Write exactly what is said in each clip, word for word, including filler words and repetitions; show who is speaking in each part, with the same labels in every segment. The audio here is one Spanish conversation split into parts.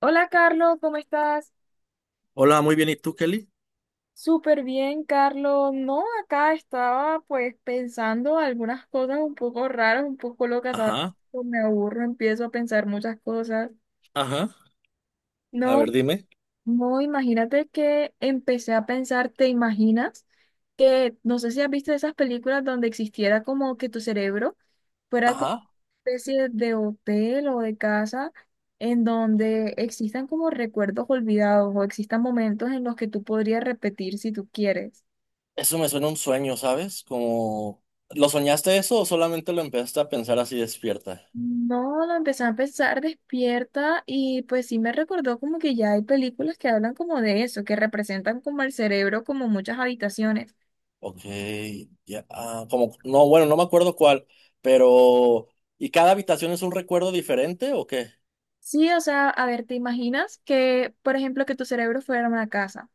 Speaker 1: Hola Carlos, ¿cómo estás?
Speaker 2: Hola, muy bien. ¿Y tú, Kelly?
Speaker 1: Súper bien, Carlos. No, acá estaba, pues, pensando algunas cosas un poco raras, un poco locas, ¿sabes?
Speaker 2: Ajá,
Speaker 1: Me aburro, empiezo a pensar muchas cosas.
Speaker 2: ajá. A ver,
Speaker 1: No,
Speaker 2: dime.
Speaker 1: No, imagínate que empecé a pensar, ¿te imaginas? Que no sé si has visto esas películas donde existiera como que tu cerebro fuera como
Speaker 2: Ajá,
Speaker 1: una especie de hotel o de casa en donde existan como recuerdos olvidados o existan momentos en los que tú podrías repetir si tú quieres.
Speaker 2: eso me suena a un sueño, ¿sabes? Como, ¿lo soñaste eso o solamente lo empezaste a pensar así despierta?
Speaker 1: No, lo empecé a pensar despierta y pues sí me recordó como que ya hay películas que hablan como de eso, que representan como el cerebro como muchas habitaciones.
Speaker 2: Ok, ya, ah, como, no, bueno, no me acuerdo cuál, pero ¿y cada habitación es un recuerdo diferente o qué?
Speaker 1: Sí, o sea, a ver, ¿te imaginas que, por ejemplo, que tu cerebro fuera una casa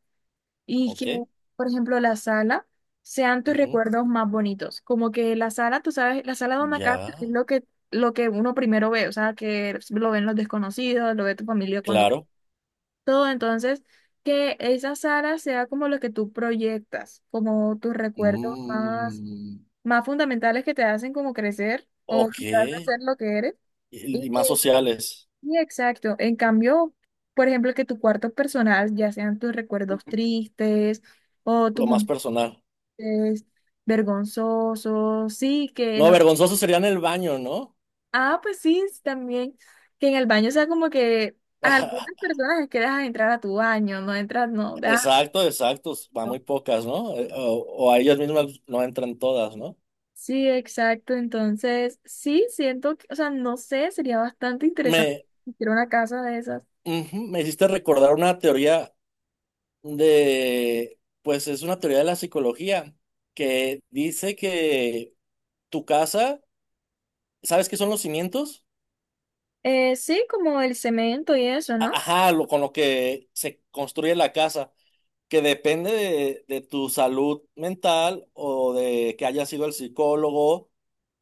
Speaker 1: y
Speaker 2: Ok,
Speaker 1: que, por ejemplo, la sala sean tus
Speaker 2: ujú,
Speaker 1: recuerdos más bonitos? Como que la sala, tú sabes, la sala de una casa
Speaker 2: ya,
Speaker 1: es lo que, lo que uno primero ve, o sea, que lo ven los desconocidos, lo ve tu familia cuando
Speaker 2: claro.
Speaker 1: todo, entonces, que esa sala sea como lo que tú proyectas, como tus recuerdos más,
Speaker 2: Mm,
Speaker 1: más fundamentales que te hacen como crecer o
Speaker 2: ok,
Speaker 1: que te hacen
Speaker 2: y,
Speaker 1: ser lo que eres.
Speaker 2: y más sociales,
Speaker 1: Sí, exacto. En cambio, por ejemplo, que tu cuarto personal, ya sean tus recuerdos tristes o tus
Speaker 2: lo más
Speaker 1: momentos
Speaker 2: personal.
Speaker 1: vergonzosos, sí, que
Speaker 2: No,
Speaker 1: no.
Speaker 2: vergonzoso sería en el baño, ¿no?
Speaker 1: Ah, pues sí, sí, también. Que en el baño sea como que a algunas personas es que dejas entrar a tu baño, no entras, no, dejas.
Speaker 2: Exacto, exacto. Va
Speaker 1: No.
Speaker 2: muy pocas, ¿no? Eh, O, o a ellas mismas no entran todas, ¿no?
Speaker 1: Sí, exacto. Entonces, sí, siento que, o sea, no sé, sería bastante interesante
Speaker 2: Me,
Speaker 1: ir una casa de esas.
Speaker 2: ujú, me hiciste recordar una teoría de, pues es una teoría de la psicología que dice que tu casa. ¿Sabes qué son los cimientos?
Speaker 1: Eh, sí, como el cemento y eso,
Speaker 2: A-
Speaker 1: ¿no?
Speaker 2: Ajá, lo, con lo que se construye la casa, que depende de, de tu salud mental o de que hayas sido el psicólogo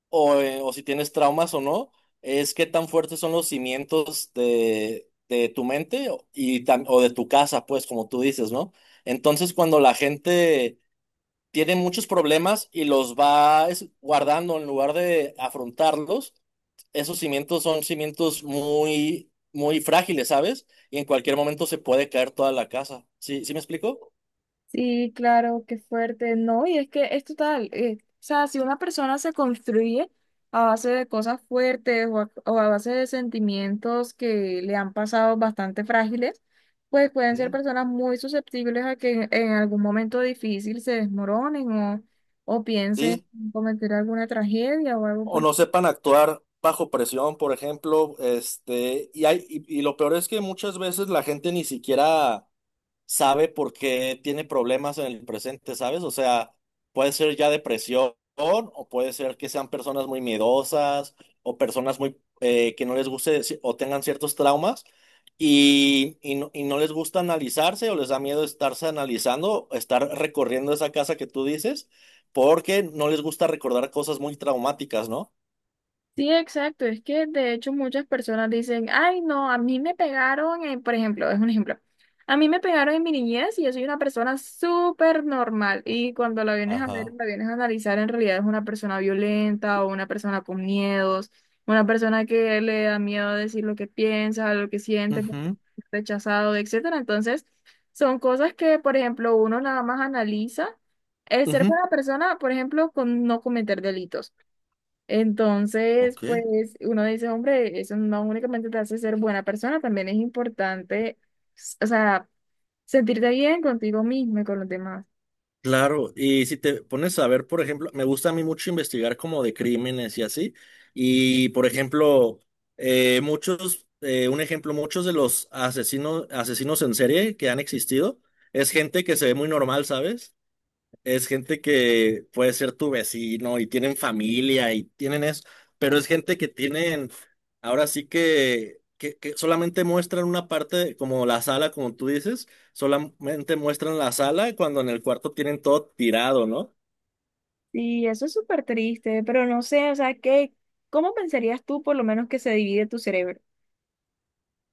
Speaker 2: o, eh, o si tienes traumas o no, es qué tan fuertes son los cimientos de, de tu mente o- y tam- o de tu casa, pues, como tú dices, ¿no? Entonces, cuando la gente tiene muchos problemas y los va es- guardando en lugar de afrontarlos, esos cimientos son cimientos muy, muy frágiles, ¿sabes? Y en cualquier momento se puede caer toda la casa. ¿Sí, sí me explico?
Speaker 1: Sí, claro, qué fuerte. No, y es que es total. Eh, o sea, si una persona se construye a base de cosas fuertes o a, o a base de sentimientos que le han pasado bastante frágiles, pues pueden ser
Speaker 2: Mm,
Speaker 1: personas muy susceptibles a que en, en algún momento difícil se desmoronen o, o piensen
Speaker 2: sí,
Speaker 1: en cometer alguna tragedia o algo
Speaker 2: o
Speaker 1: por.
Speaker 2: no sepan actuar bajo presión, por ejemplo, este, y hay, y, y lo peor es que muchas veces la gente ni siquiera sabe por qué tiene problemas en el presente, ¿sabes? O sea, puede ser ya depresión, o puede ser que sean personas muy miedosas, o personas muy eh, que no les guste ci- o tengan ciertos traumas. Y, y no, y no les gusta analizarse o les da miedo estarse analizando, estar recorriendo esa casa que tú dices, porque no les gusta recordar cosas muy traumáticas, ¿no?
Speaker 1: Sí, exacto. Es que de hecho muchas personas dicen, ay, no, a mí me pegaron, en-, por ejemplo, es un ejemplo. A mí me pegaron en mi niñez y yo soy una persona súper normal. Y cuando la vienes a ver,
Speaker 2: Ajá.
Speaker 1: la vienes a analizar, en realidad es una persona violenta o una persona con miedos, una persona que le da miedo decir lo que piensa, lo que siente, porque
Speaker 2: Ujú,
Speaker 1: es rechazado, etcétera. Entonces, son cosas que, por ejemplo, uno nada más analiza el ser
Speaker 2: ujú.
Speaker 1: buena persona, por ejemplo, con no cometer delitos. Entonces,
Speaker 2: Ok,
Speaker 1: pues uno dice, hombre, eso no únicamente te hace ser buena persona, también es importante, s- o sea, sentirte bien contigo mismo y con los demás.
Speaker 2: claro. Y si te pones a ver, por ejemplo, me gusta a mí mucho investigar como de crímenes y así. Y, por ejemplo, eh, muchos, eh, un ejemplo, muchos de los asesinos, asesinos en serie que han existido es gente que se ve muy normal, ¿sabes? Es gente que puede ser tu vecino y tienen familia y tienen eso, pero es gente que tienen, ahora sí que, que, que solamente muestran una parte, como la sala, como tú dices, solamente muestran la sala cuando en el cuarto tienen todo tirado, ¿no?
Speaker 1: Y eso es súper triste, pero no sé, o sea, ¿qué, cómo pensarías tú por lo menos que se divide tu cerebro?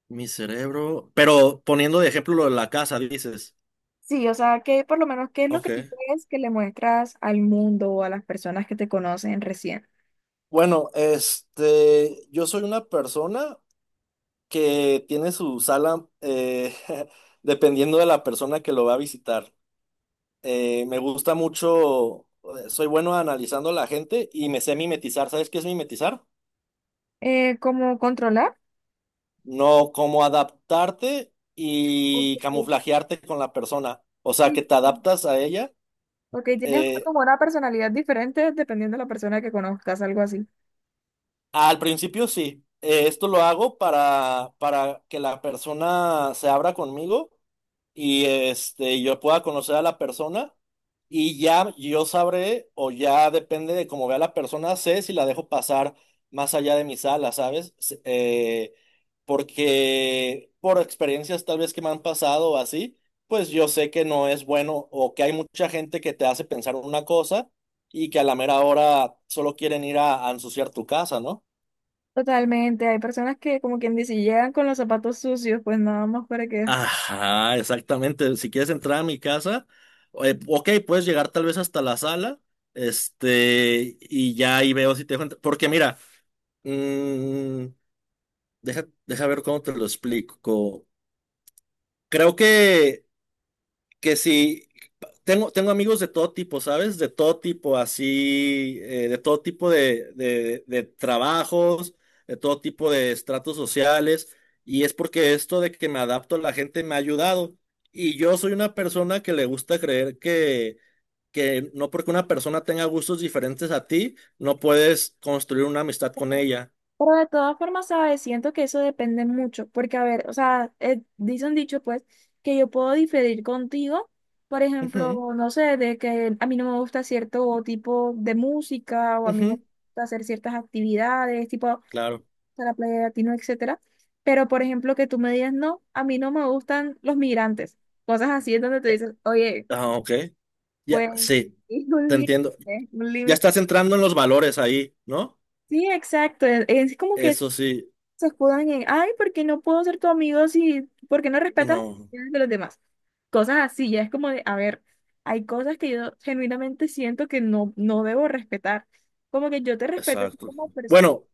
Speaker 2: Mi cerebro, pero poniendo de ejemplo lo de la casa, dices,
Speaker 1: Sí, o sea, ¿qué por lo menos qué es lo que
Speaker 2: ok.
Speaker 1: tú crees que le muestras al mundo o a las personas que te conocen recién?
Speaker 2: Bueno, este, yo soy una persona que tiene su sala eh, dependiendo de la persona que lo va a visitar. Eh, me gusta mucho, eh, soy bueno analizando a la gente y me sé mimetizar. ¿Sabes qué es mimetizar?
Speaker 1: Eh, ¿cómo controlar?
Speaker 2: No, como adaptarte
Speaker 1: Ok,
Speaker 2: y camuflajearte con la persona. O sea,
Speaker 1: sí.
Speaker 2: que te adaptas a ella.
Speaker 1: Ok, tienes
Speaker 2: Eh,
Speaker 1: como una personalidad diferente dependiendo de la persona que conozcas, algo así.
Speaker 2: al principio sí. Eh, esto lo hago para, para que la persona se abra conmigo y este, yo pueda conocer a la persona y ya yo sabré o ya depende de cómo vea la persona, sé si la dejo pasar más allá de mi sala, ¿sabes? S- eh, porque por experiencias tal vez que me han pasado o así, pues yo sé que no es bueno o que hay mucha gente que te hace pensar una cosa y que a la mera hora solo quieren ir a a ensuciar tu casa, ¿no?
Speaker 1: Totalmente, hay personas que, como quien dice, llegan con los zapatos sucios, pues nada más para que...
Speaker 2: Ajá, exactamente. Si quieres entrar a mi casa, eh, ok, puedes llegar tal vez hasta la sala, este, y ya ahí veo si te dejo entrar. Porque mira, mm, deja, deja ver cómo te lo explico. Creo que que si tengo, tengo amigos de todo tipo, ¿sabes? De todo tipo, así, eh, de todo tipo de, de- de trabajos, de todo tipo de estratos sociales, y es porque esto de que me adapto a la gente me ha ayudado. Y yo soy una persona que le gusta creer que, que no porque una persona tenga gustos diferentes a ti, no puedes construir una amistad con ella.
Speaker 1: Pero de todas formas, ¿sabes? Siento que eso depende mucho, porque a ver, o sea, eh, dice un dicho, pues, que yo puedo diferir contigo, por
Speaker 2: Ujú,
Speaker 1: ejemplo, no sé, de que a mí no me gusta cierto tipo de música o a mí no
Speaker 2: ujú,
Speaker 1: me gusta hacer ciertas actividades, tipo ir
Speaker 2: claro.
Speaker 1: a la playa de latino, etcétera. Pero, por ejemplo, que tú me digas, no, a mí no me gustan los migrantes, cosas así es donde te dices, oye,
Speaker 2: Ah, ok. Ya,
Speaker 1: pues...
Speaker 2: sí,
Speaker 1: es un
Speaker 2: te entiendo.
Speaker 1: límite, un
Speaker 2: Ya
Speaker 1: límite.
Speaker 2: estás entrando en los valores ahí, ¿no?
Speaker 1: Sí, exacto. Es es como que
Speaker 2: Eso sí,
Speaker 1: se escudan en, ay, ¿por qué no puedo ser tu amigo si, por qué no respetas las
Speaker 2: no,
Speaker 1: opiniones de los demás? Cosas así, ya es como de, a ver, hay cosas que yo genuinamente siento que no, no debo respetar. Como que yo te respeto a ti
Speaker 2: exacto.
Speaker 1: como persona.
Speaker 2: Bueno,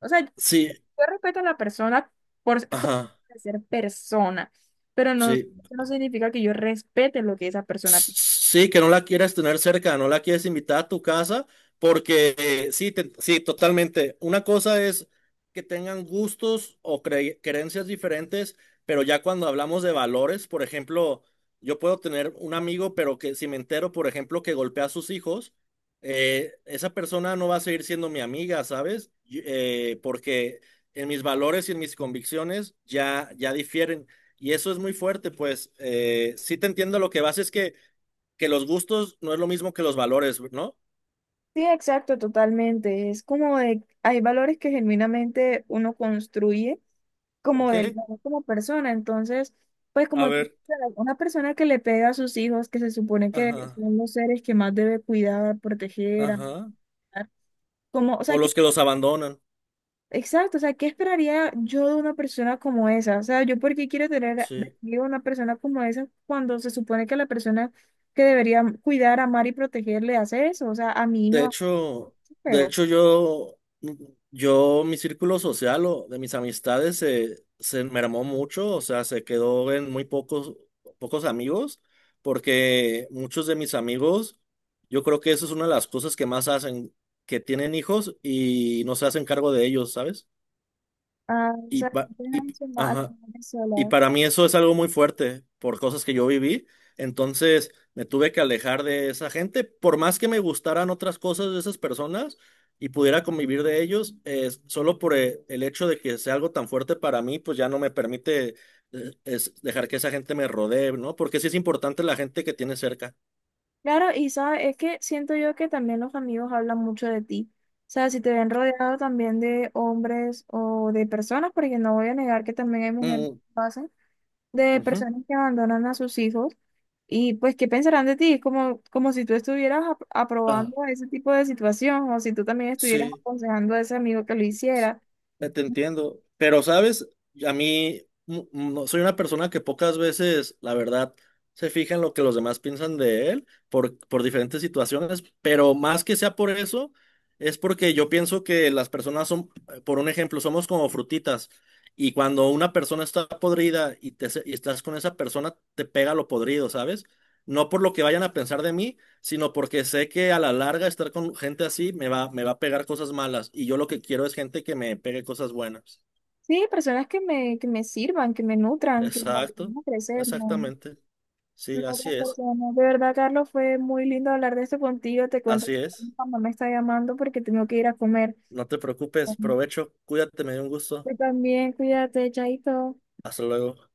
Speaker 1: O sea, yo
Speaker 2: sí,
Speaker 1: respeto a la persona por, por
Speaker 2: ajá,
Speaker 1: ser persona, pero no, eso
Speaker 2: sí,
Speaker 1: no significa que yo respete lo que esa persona.
Speaker 2: sí, que no la quieres tener cerca, no la quieres invitar a tu casa, porque eh, sí, te- sí, totalmente. Una cosa es que tengan gustos o cre- creencias diferentes, pero ya cuando hablamos de valores, por ejemplo, yo puedo tener un amigo, pero que si me entero, por ejemplo, que golpea a sus hijos, eh, esa persona no va a seguir siendo mi amiga, ¿sabes? Y- eh, porque en mis valores y en mis convicciones ya, ya difieren. Y eso es muy fuerte, pues eh, sí te entiendo, lo que vas es que, que los gustos no es lo mismo que los valores, ¿no?
Speaker 1: Sí, exacto, totalmente. Es como de, hay valores que genuinamente uno construye como
Speaker 2: Ok,
Speaker 1: del valor como persona. Entonces, pues
Speaker 2: a
Speaker 1: como tú
Speaker 2: ver,
Speaker 1: sabes, una persona que le pega a sus hijos, que se supone que
Speaker 2: ajá,
Speaker 1: son los seres que más debe cuidar, proteger, amar,
Speaker 2: ajá.
Speaker 1: como, o sea,
Speaker 2: O
Speaker 1: que,
Speaker 2: los que los abandonan,
Speaker 1: exacto, o sea, ¿qué esperaría yo de una persona como esa? O sea, yo por qué quiero tener a,
Speaker 2: sí.
Speaker 1: digo, una persona como esa cuando se supone que la persona que debería cuidar, amar y proteger le hace eso. O sea, a mí me
Speaker 2: De
Speaker 1: va a
Speaker 2: hecho,
Speaker 1: hacer
Speaker 2: de
Speaker 1: feo.
Speaker 2: hecho yo, yo, mi círculo social o de mis amistades se, se mermó mucho, o sea, se quedó en muy pocos, pocos amigos, porque muchos de mis amigos, yo creo que eso es una de las cosas que más hacen, que tienen hijos y no se hacen cargo de ellos, ¿sabes?
Speaker 1: Ah, o
Speaker 2: Y,
Speaker 1: sea,
Speaker 2: pa-
Speaker 1: dejan
Speaker 2: y,
Speaker 1: eso más a las
Speaker 2: ajá,
Speaker 1: mujeres
Speaker 2: y
Speaker 1: solas.
Speaker 2: para mí eso es algo muy fuerte por cosas que yo viví. Entonces me tuve que alejar de esa gente. Por más que me gustaran otras cosas de esas personas y pudiera convivir de ellos, eh, solo por eh, el hecho de que sea algo tan fuerte para mí, pues ya no me permite eh, es dejar que esa gente me rodee, ¿no? Porque sí es importante la gente que tiene cerca.
Speaker 1: Claro, y sabes, es que siento yo que también los amigos hablan mucho de ti. O sea, si te ven rodeado también de hombres o de personas, porque no voy a negar que también hay mujeres que
Speaker 2: Mm,
Speaker 1: lo hacen, de
Speaker 2: ujú.
Speaker 1: personas que abandonan a sus hijos, y pues, ¿qué pensarán de ti? Es como, como si tú estuvieras ap-
Speaker 2: Ah,
Speaker 1: aprobando ese tipo de situación, o si tú también estuvieras
Speaker 2: sí.
Speaker 1: aconsejando a ese amigo que lo hiciera.
Speaker 2: Ya te entiendo. Pero, ¿sabes? A mí mm, no, soy una persona que pocas veces, la verdad, se fija en lo que los demás piensan de él por, por diferentes situaciones, pero más que sea por eso, es porque yo pienso que las personas son, eh, por un ejemplo, somos como frutitas y cuando una persona está podrida y, te, se- y estás con esa persona, te pega lo podrido, ¿sabes? No por lo que vayan a pensar de mí, sino porque sé que a la larga estar con gente así me va, me va a pegar cosas malas y yo lo que quiero es gente que me pegue cosas buenas.
Speaker 1: Sí, personas que me, que me sirvan, que me nutran, que me ayuden
Speaker 2: Exacto,
Speaker 1: a crecer, ¿no?
Speaker 2: exactamente. Sí,
Speaker 1: Claro,
Speaker 2: así es,
Speaker 1: Tatiana. De verdad, Carlos, fue muy lindo hablar de esto contigo. Te cuento que
Speaker 2: así es.
Speaker 1: mi mamá me está llamando porque tengo que ir a comer.
Speaker 2: No te preocupes, provecho, cuídate, me dio un gusto.
Speaker 1: Tú también, cuídate, chaito.
Speaker 2: Hasta luego.